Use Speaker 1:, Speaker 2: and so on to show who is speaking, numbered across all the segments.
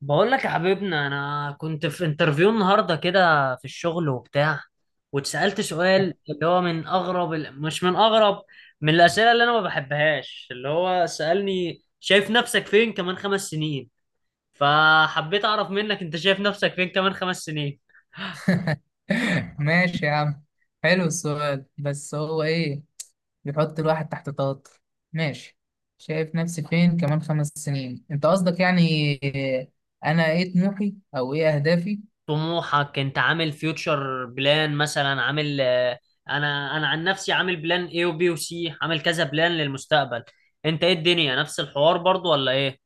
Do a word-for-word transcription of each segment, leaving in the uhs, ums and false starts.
Speaker 1: بقول لك يا حبيبنا، انا كنت في انترفيو النهارده كده في الشغل وبتاع، واتسالت سؤال اللي هو من اغرب ال- مش من اغرب من الاسئله اللي انا ما بحبهاش، اللي هو سالني شايف نفسك فين كمان خمس سنين؟ فحبيت اعرف منك، انت شايف نفسك فين كمان خمس سنين؟
Speaker 2: ماشي يا عم. حلو السؤال، بس هو ايه بيحط الواحد تحت ضغط. ماشي. شايف نفسي فين كمان خمس سنين انت قصدك يعني إيه، انا ايه طموحي او ايه اهدافي؟
Speaker 1: طموحك، انت عامل فيوتشر بلان مثلا، عامل آه، انا انا عن نفسي عامل بلان اي وبي وسي، عامل كذا بلان للمستقبل. انت ايه؟ الدنيا نفس الحوار برضو ولا ايه؟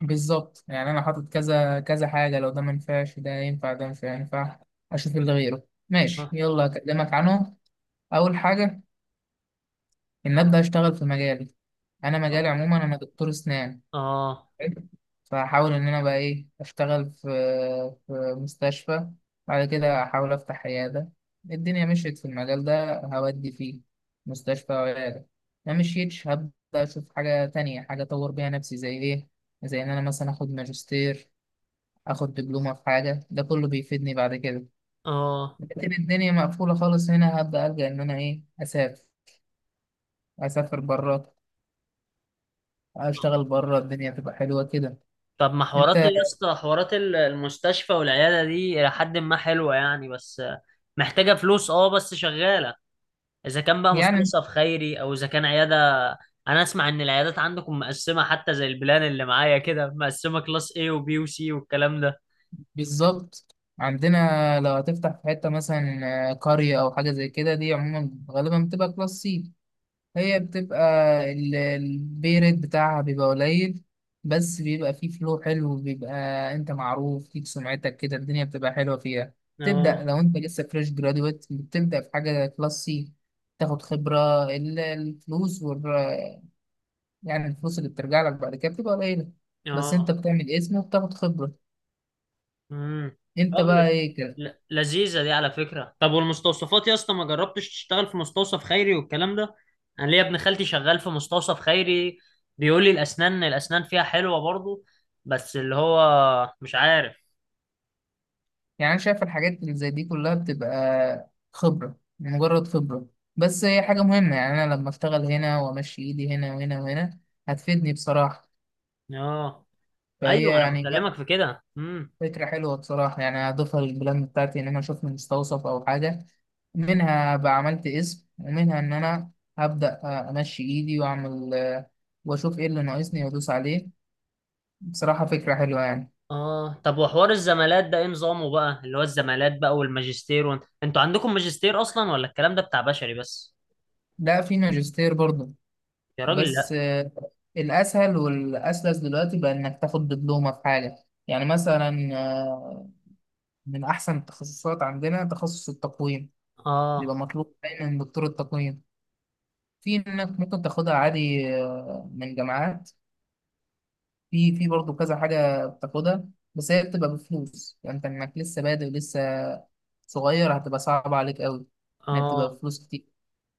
Speaker 2: بالظبط، يعني انا حاطط كذا كذا حاجة. لو ده ما ينفعش ده ينفع، ده مش هينفع اشوف اللي غيره. ماشي،
Speaker 1: آه.
Speaker 2: يلا اكلمك عنه. اول حاجة ان ابدا اشتغل في مجالي. انا
Speaker 1: آه.
Speaker 2: مجالي عموما انا دكتور اسنان
Speaker 1: آه.
Speaker 2: حلو. فهحاول إن أنا بقى إيه أشتغل في في مستشفى. بعد كده أحاول أفتح عيادة. الدنيا مشيت في المجال ده هودي فيه مستشفى أو عيادة. ما مشيتش هبدأ أشوف حاجة تانية، حاجة أطور بيها نفسي زي إيه، زي إن أنا مثلا آخد ماجستير، آخد دبلومة في حاجة. ده كله بيفيدني بعد كده.
Speaker 1: اه.
Speaker 2: لكن الدنيا مقفولة خالص هنا هبدأ ألجأ إن أنا إيه أسافر. أسافر بره، أشتغل بره، الدنيا تبقى حلوة كده.
Speaker 1: طب ما
Speaker 2: أنت
Speaker 1: حوارات يا اسطى، حوارات ال- المستشفى والعيادة دي إلى حد ما حلوة يعني، بس محتاجة فلوس. اه، بس شغالة. إذا كان بقى
Speaker 2: يعني.
Speaker 1: مستوصف خيري أو إذا كان عيادة. أنا أسمع إن العيادات عندكم مقسمة، حتى زي البلان اللي معايا كده مقسمة كلاس A و B و C والكلام ده.
Speaker 2: بالظبط، عندنا لو هتفتح في حتة مثلا آه، قرية أو حاجة زي كده، دي عموما غالبا بتبقى كلاس سي. هي بتبقى ال- البي ريت بتاعها بيبقى قليل. بس بيبقى فيه فلو حلو بيبقى. أنت معروف ليك سمعتك كده، الدنيا بتبقى حلوة فيها. تبدأ
Speaker 1: اه.
Speaker 2: لو أنت لسه فريش جرادويت بتبدأ في حاجة كلاس سي، تاخد خبرة ال- الفلوس وال... يعني الفلوس اللي بترجع لك بعد كده بتبقى قليلة، بس أنت
Speaker 1: اه.
Speaker 2: بتعمل اسم وبتاخد خبرة.
Speaker 1: امم طب
Speaker 2: أنت بقى
Speaker 1: لذ-
Speaker 2: إيه؟
Speaker 1: ل- لذيذة دي على فكرة. طب والمستوصفات يا اسطى، ما جربتش تشتغل في مستوصف خيري والكلام ده؟ انا ليا ابن خالتي شغال في مستوصف خيري، بيقول لي الاسنان الاسنان فيها حلوة برضو، بس اللي هو مش عارف.
Speaker 2: يعني أنا شايف الحاجات اللي زي دي كلها بتبقى خبرة مجرد خبرة. بس هي حاجة مهمة، يعني أنا لما أشتغل هنا وأمشي إيدي هنا وهنا وهنا هتفيدني بصراحة.
Speaker 1: اه.
Speaker 2: فهي
Speaker 1: ايوه انا
Speaker 2: يعني لأ،
Speaker 1: بكلمك في كده. امم
Speaker 2: فكرة حلوة بصراحة يعني. هضيفها للبلان بتاعتي إن أنا أشوف مستوصف أو حاجة. منها بقى عملت اسم، ومنها إن أنا هبدأ أمشي إيدي وأعمل آه، وأشوف إيه اللي ناقصني وأدوس عليه. بصراحة فكرة حلوة يعني.
Speaker 1: اه. طب وحوار الزمالات ده ايه نظامه بقى؟ اللي هو الزمالات بقى والماجستير، وانت... انتوا عندكم ماجستير اصلا ولا الكلام ده بتاع بشري بس؟
Speaker 2: لا، في ماجستير برضه.
Speaker 1: يا راجل
Speaker 2: بس
Speaker 1: لا.
Speaker 2: آه، الأسهل والأسلس دلوقتي بقى إنك تاخد دبلومة في حاجة، يعني مثلا آه، من أحسن التخصصات عندنا تخصص التقويم. بيبقى
Speaker 1: اه.
Speaker 2: مطلوب دايما دكتور التقويم. في إنك ممكن تاخدها عادي آه، من جامعات. في في برضه كذا حاجة بتاخدها. بس هي بتبقى بفلوس، يعني أنت إنك لسه بادئ ولسه صغير هتبقى صعبة عليك أوي، إنها بتبقى
Speaker 1: اه.
Speaker 2: بفلوس كتير.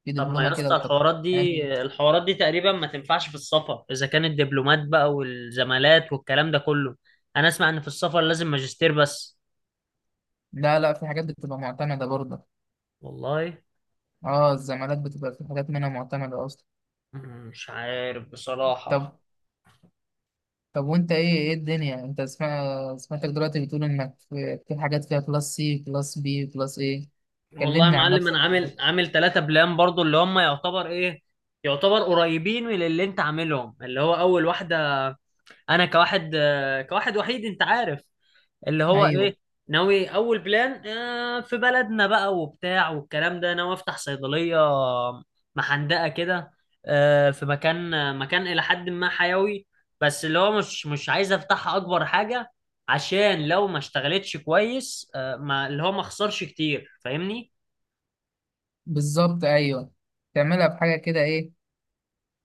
Speaker 2: في
Speaker 1: طب ما
Speaker 2: دبلومة
Speaker 1: يا
Speaker 2: كده
Speaker 1: اسطى،
Speaker 2: للتقويم،
Speaker 1: الحوارات دي
Speaker 2: يعني.
Speaker 1: الحوارات دي تقريبا ما تنفعش في السفر اذا كان الدبلومات بقى والزمالات والكلام ده كله. انا اسمع ان في السفر لازم ماجستير بس.
Speaker 2: لا لا، في حاجات بتبقى معتمدة برضه.
Speaker 1: والله.
Speaker 2: اه، الزمالات بتبقى في حاجات منها معتمدة أصلا.
Speaker 1: مم، مش عارف بصراحة.
Speaker 2: طب، طب وأنت إيه إيه الدنيا؟ أنت سمع... سمعتك دلوقتي بتقول إنك في في حاجات فيها كلاس سي كلاس بي كلاس إيه.
Speaker 1: والله يا
Speaker 2: كلمني عن
Speaker 1: معلم، انا
Speaker 2: نفسك.
Speaker 1: عامل عامل ثلاثة بلان برضو اللي هم يعتبر ايه، يعتبر قريبين من اللي انت عاملهم. اللي هو اول واحدة، انا كواحد آه، كواحد وحيد انت عارف، اللي هو
Speaker 2: أيوه.
Speaker 1: ايه، ناوي اول بلان آه، في بلدنا بقى وبتاع والكلام ده، ناوي افتح صيدليه محندقه كده آه، في مكان، مكان الى حد ما حيوي، بس اللي هو مش مش عايز افتحها اكبر حاجه، عشان لو ما اشتغلتش كويس آه، ما اللي هو ما اخسرش كتير، فاهمني.
Speaker 2: بالظبط، أيوه. تعملها بحاجة كده إيه،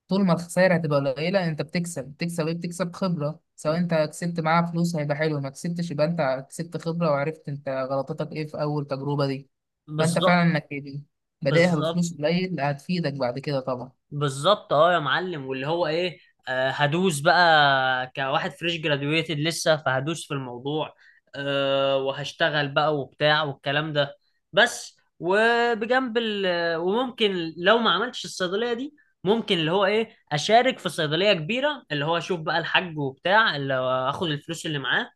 Speaker 2: طول ما الخسائر هتبقى قليلة أنت بتكسب بتكسب إيه، بتكسب خبرة. سواء أنت كسبت معاها فلوس هيبقى حلو، ما كسبتش يبقى أنت كسبت خبرة وعرفت أنت غلطتك إيه في أول تجربة دي. فأنت فعلا
Speaker 1: بالظبط.
Speaker 2: إنك بادئها
Speaker 1: بالظبط،
Speaker 2: بفلوس قليل هتفيدك بعد كده طبعا.
Speaker 1: بالظبط اه يا معلم، واللي هو ايه، آه هدوس بقى كواحد فريش جراديويتد لسه، فهدوس في الموضوع. آه وهشتغل بقى وبتاع والكلام ده، بس وبجنب ال وممكن لو ما عملتش الصيدلية دي، ممكن اللي هو ايه اشارك في صيدلية كبيرة، اللي هو اشوف بقى الحاج وبتاع اللي هو اخد الفلوس اللي معاه،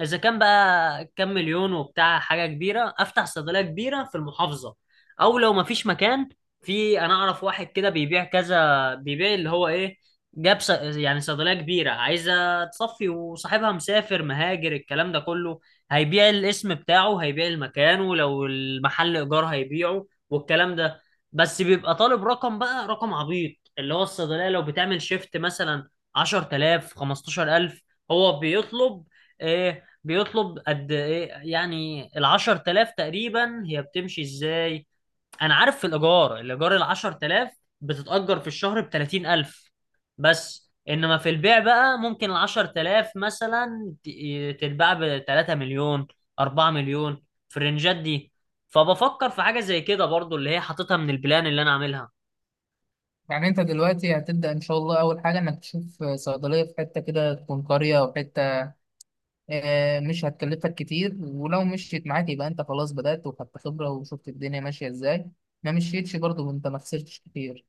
Speaker 1: اذا كان بقى كام مليون وبتاع حاجة كبيرة، افتح صيدلية كبيرة في المحافظة. او لو ما فيش مكان، في انا اعرف واحد كده بيبيع كذا، بيبيع اللي هو ايه، جاب ص... يعني صيدليه كبيره عايزه تصفي، وصاحبها مسافر مهاجر الكلام ده كله، هيبيع الاسم بتاعه، هيبيع المكان، ولو المحل ايجار هيبيعه والكلام ده. بس بيبقى طالب رقم بقى، رقم عبيط. اللي هو الصيدليه لو بتعمل شيفت مثلا عشرة آلاف، خمستاشر ألف، هو بيطلب ايه، بيطلب قد ايه يعني؟ ال عشرة آلاف تقريبا هي بتمشي ازاي؟ انا عارف في الايجار، الايجار ال عشرة آلاف بتتأجر في الشهر ب ثلاثين ألف، بس انما في البيع بقى ممكن ال عشرة آلاف مثلا ت- تتباع ب ثلاثة مليون، أربعة مليون، في الرنجات دي. فبفكر في حاجة زي كده برضو، اللي هي حاططها من البلان اللي انا عاملها.
Speaker 2: يعني انت دلوقتي هتبدأ ان شاء الله. اول حاجة انك تشوف صيدلية في حتة كده تكون قرية او حتة آه، مش هتكلفك كتير. ولو مشيت معاك يبقى انت خلاص بدأت وخدت خبرة وشفت الدنيا ماشية ازاي. ما مشيتش برضه انت ما خسرتش كتير.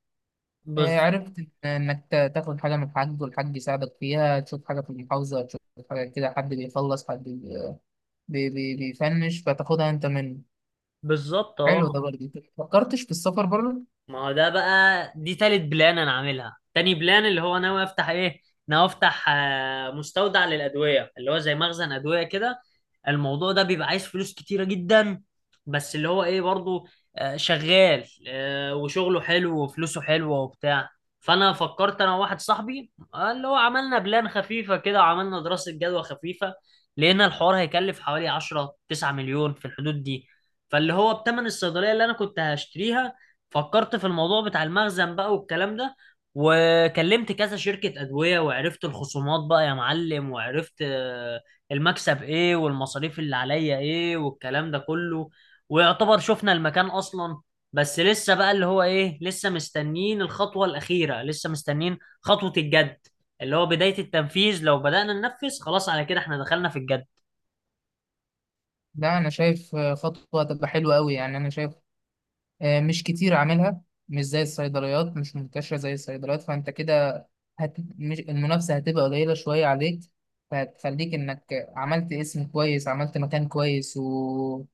Speaker 2: آه،
Speaker 1: بز...
Speaker 2: عرفت إن- انك تا- تاخد حاجة من الحاج والحاج يساعدك فيها، تشوف حاجة في المحافظة، تشوف حاجة كده، حد بيخلص حد بي- بي- بي- بيفنش فتاخدها انت منه.
Speaker 1: بالظبط
Speaker 2: حلو،
Speaker 1: اه.
Speaker 2: ده برضه انت ما فكرتش في السفر بره؟
Speaker 1: ما هو ده بقى، دي تالت بلان انا عاملها. تاني بلان اللي هو ناوي افتح ايه، ناوي افتح آه، مستودع للادويه اللي هو زي مخزن ادويه كده. الموضوع ده بيبقى عايز فلوس كتيره جدا، بس اللي هو ايه برضو آه، شغال، آه، وشغله حلو وفلوسه حلوه وبتاع. فانا فكرت انا وواحد صاحبي، آه، اللي هو عملنا بلان خفيفه كده وعملنا دراسه جدوى خفيفه. لقينا الحوار هيكلف حوالي عشرة، تسعة مليون، في الحدود دي، فاللي هو بتمن الصيدليه اللي انا كنت هشتريها، فكرت في الموضوع بتاع المخزن بقى والكلام ده. وكلمت كذا شركة أدوية، وعرفت الخصومات بقى يا معلم، وعرفت آه، المكسب إيه، والمصاريف اللي عليا إيه والكلام ده كله. ويعتبر شفنا المكان أصلا، بس لسه بقى اللي هو إيه، لسه مستنيين الخطوة الأخيرة، لسه مستنيين خطوة الجد، اللي هو بداية التنفيذ. لو بدأنا ننفذ، خلاص على كده إحنا دخلنا في الجد.
Speaker 2: لا، انا شايف آه، خطوه هتبقى حلوه قوي. يعني انا شايف آه، مش كتير عاملها. مش زي الصيدليات، مش منتشرة زي الصيدليات، فأنت كده هت... مش... المنافسة هتبقى قليلة شوية عليك. فهتخليك إنك عملت اسم كويس، عملت مكان كويس و...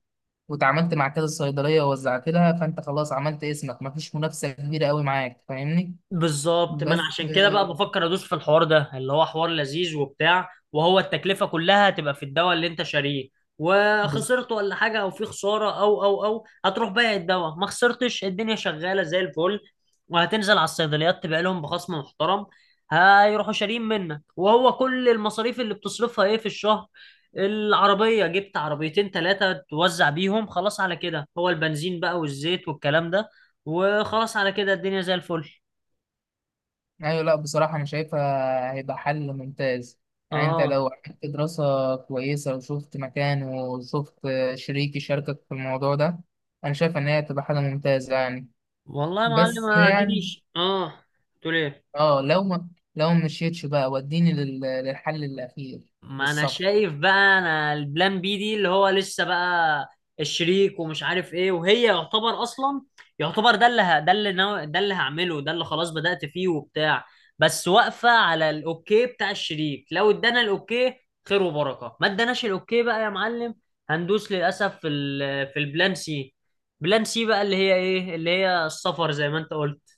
Speaker 2: وتعاملت مع كذا صيدلية ووزعت لها، فأنت خلاص عملت اسمك مفيش منافسة كبيرة قوي معاك، فاهمني؟
Speaker 1: بالظبط. ما انا
Speaker 2: بس
Speaker 1: عشان كده بقى
Speaker 2: آه،
Speaker 1: بفكر ادوس في الحوار ده، اللي هو حوار لذيذ وبتاع، وهو التكلفه كلها هتبقى في الدواء اللي انت شاريه، وخسرت ولا حاجه، او في خساره، او او او هتروح بايع الدواء، ما خسرتش، الدنيا شغاله زي الفل. وهتنزل على الصيدليات تبيع لهم بخصم محترم، هيروحوا شاريين منك. وهو كل المصاريف اللي بتصرفها ايه في الشهر؟ العربيه، جبت عربيتين ثلاثه توزع بيهم، خلاص على كده هو البنزين بقى والزيت والكلام ده، وخلاص على كده الدنيا زي الفل.
Speaker 2: ايوه. لا، بصراحة أنا شايفها هيبقى حل ممتاز. يعني أنت لو
Speaker 1: اه.
Speaker 2: عملت دراسة كويسة وشفت مكان وشفت شريك يشاركك في الموضوع ده، أنا شايف إن هي هتبقى حاجة ممتازة يعني.
Speaker 1: والله يا معلم،
Speaker 2: بس
Speaker 1: اديني
Speaker 2: يعني
Speaker 1: ش- اه. تقول ايه؟
Speaker 2: أه لو ما لو ما مشيتش بقى، وديني لل- للحل الأخير
Speaker 1: ما انا
Speaker 2: بالظبط.
Speaker 1: شايف بقى، انا البلان بي دي اللي هو لسه بقى الشريك ومش عارف ايه، وهي يعتبر اصلا، يعتبر ده اللي ه- ده اللي ناو... ده اللي هعمله، ده اللي خلاص بدأت فيه وبتاع. بس واقفة على الاوكي بتاع الشريك، لو ادانا الاوكي، خير وبركة. ما اداناش الاوكي بقى يا معلم، هندوس للاسف في ال... في البلان سي. بلان سي بقى اللي هي ايه، اللي هي السفر زي ما انت قلت.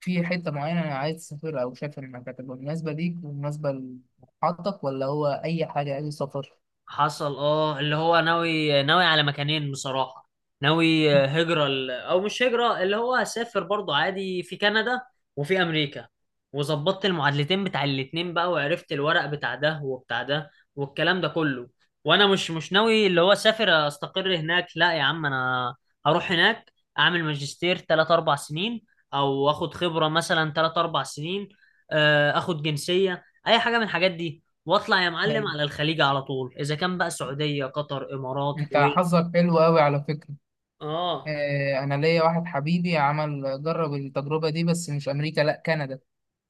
Speaker 2: في حتة معينة أنا عايز أسافرها، أو شايف إنك هتبقى مناسبة ليك ومناسبة لمحطتك، ولا هو أي حاجة أي سفر؟
Speaker 1: حصل اه. اللي هو ناوي ناوي على مكانين بصراحة. ناوي آه، هجرة ال- او مش هجرة، اللي هو هسافر برضو عادي في كندا وفي امريكا. وظبطت المعادلتين بتاع الاتنين بقى، وعرفت الورق بتاع ده وبتاع ده والكلام ده كله. وانا مش مش ناوي اللي هو اسافر استقر هناك، لا يا عم. انا هروح هناك اعمل ماجستير ثلاثة، اربع سنين، او اخد خبرة مثلا ثلاثة، اربعة سنين، آه، اخد جنسية اي حاجة من الحاجات دي. واطلع يا
Speaker 2: ده
Speaker 1: معلم على الخليج على طول، اذا كان بقى سعوديه، قطر، امارات،
Speaker 2: أنت
Speaker 1: كويت.
Speaker 2: حظك حلو أوي على فكرة.
Speaker 1: اه.
Speaker 2: آه، انا ليا واحد حبيبي عمل جرب التجربه دي، بس مش امريكا، لا كندا.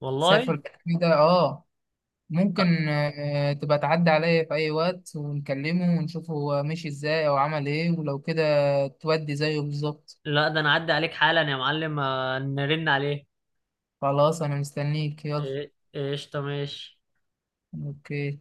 Speaker 1: والله.
Speaker 2: سافر كندا، اه. ممكن آه، تبقى تعدي عليا في اي وقت ونكلمه ونشوف هو مشي ازاي او عمل ايه، ولو كده تودي زيه بالظبط.
Speaker 1: لا، ده انا اعدي عليك حالا يا معلم، آه، نرن عليه.
Speaker 2: خلاص، انا مستنيك، يلا.
Speaker 1: إيه- قشطه، ماشي.
Speaker 2: اوكي.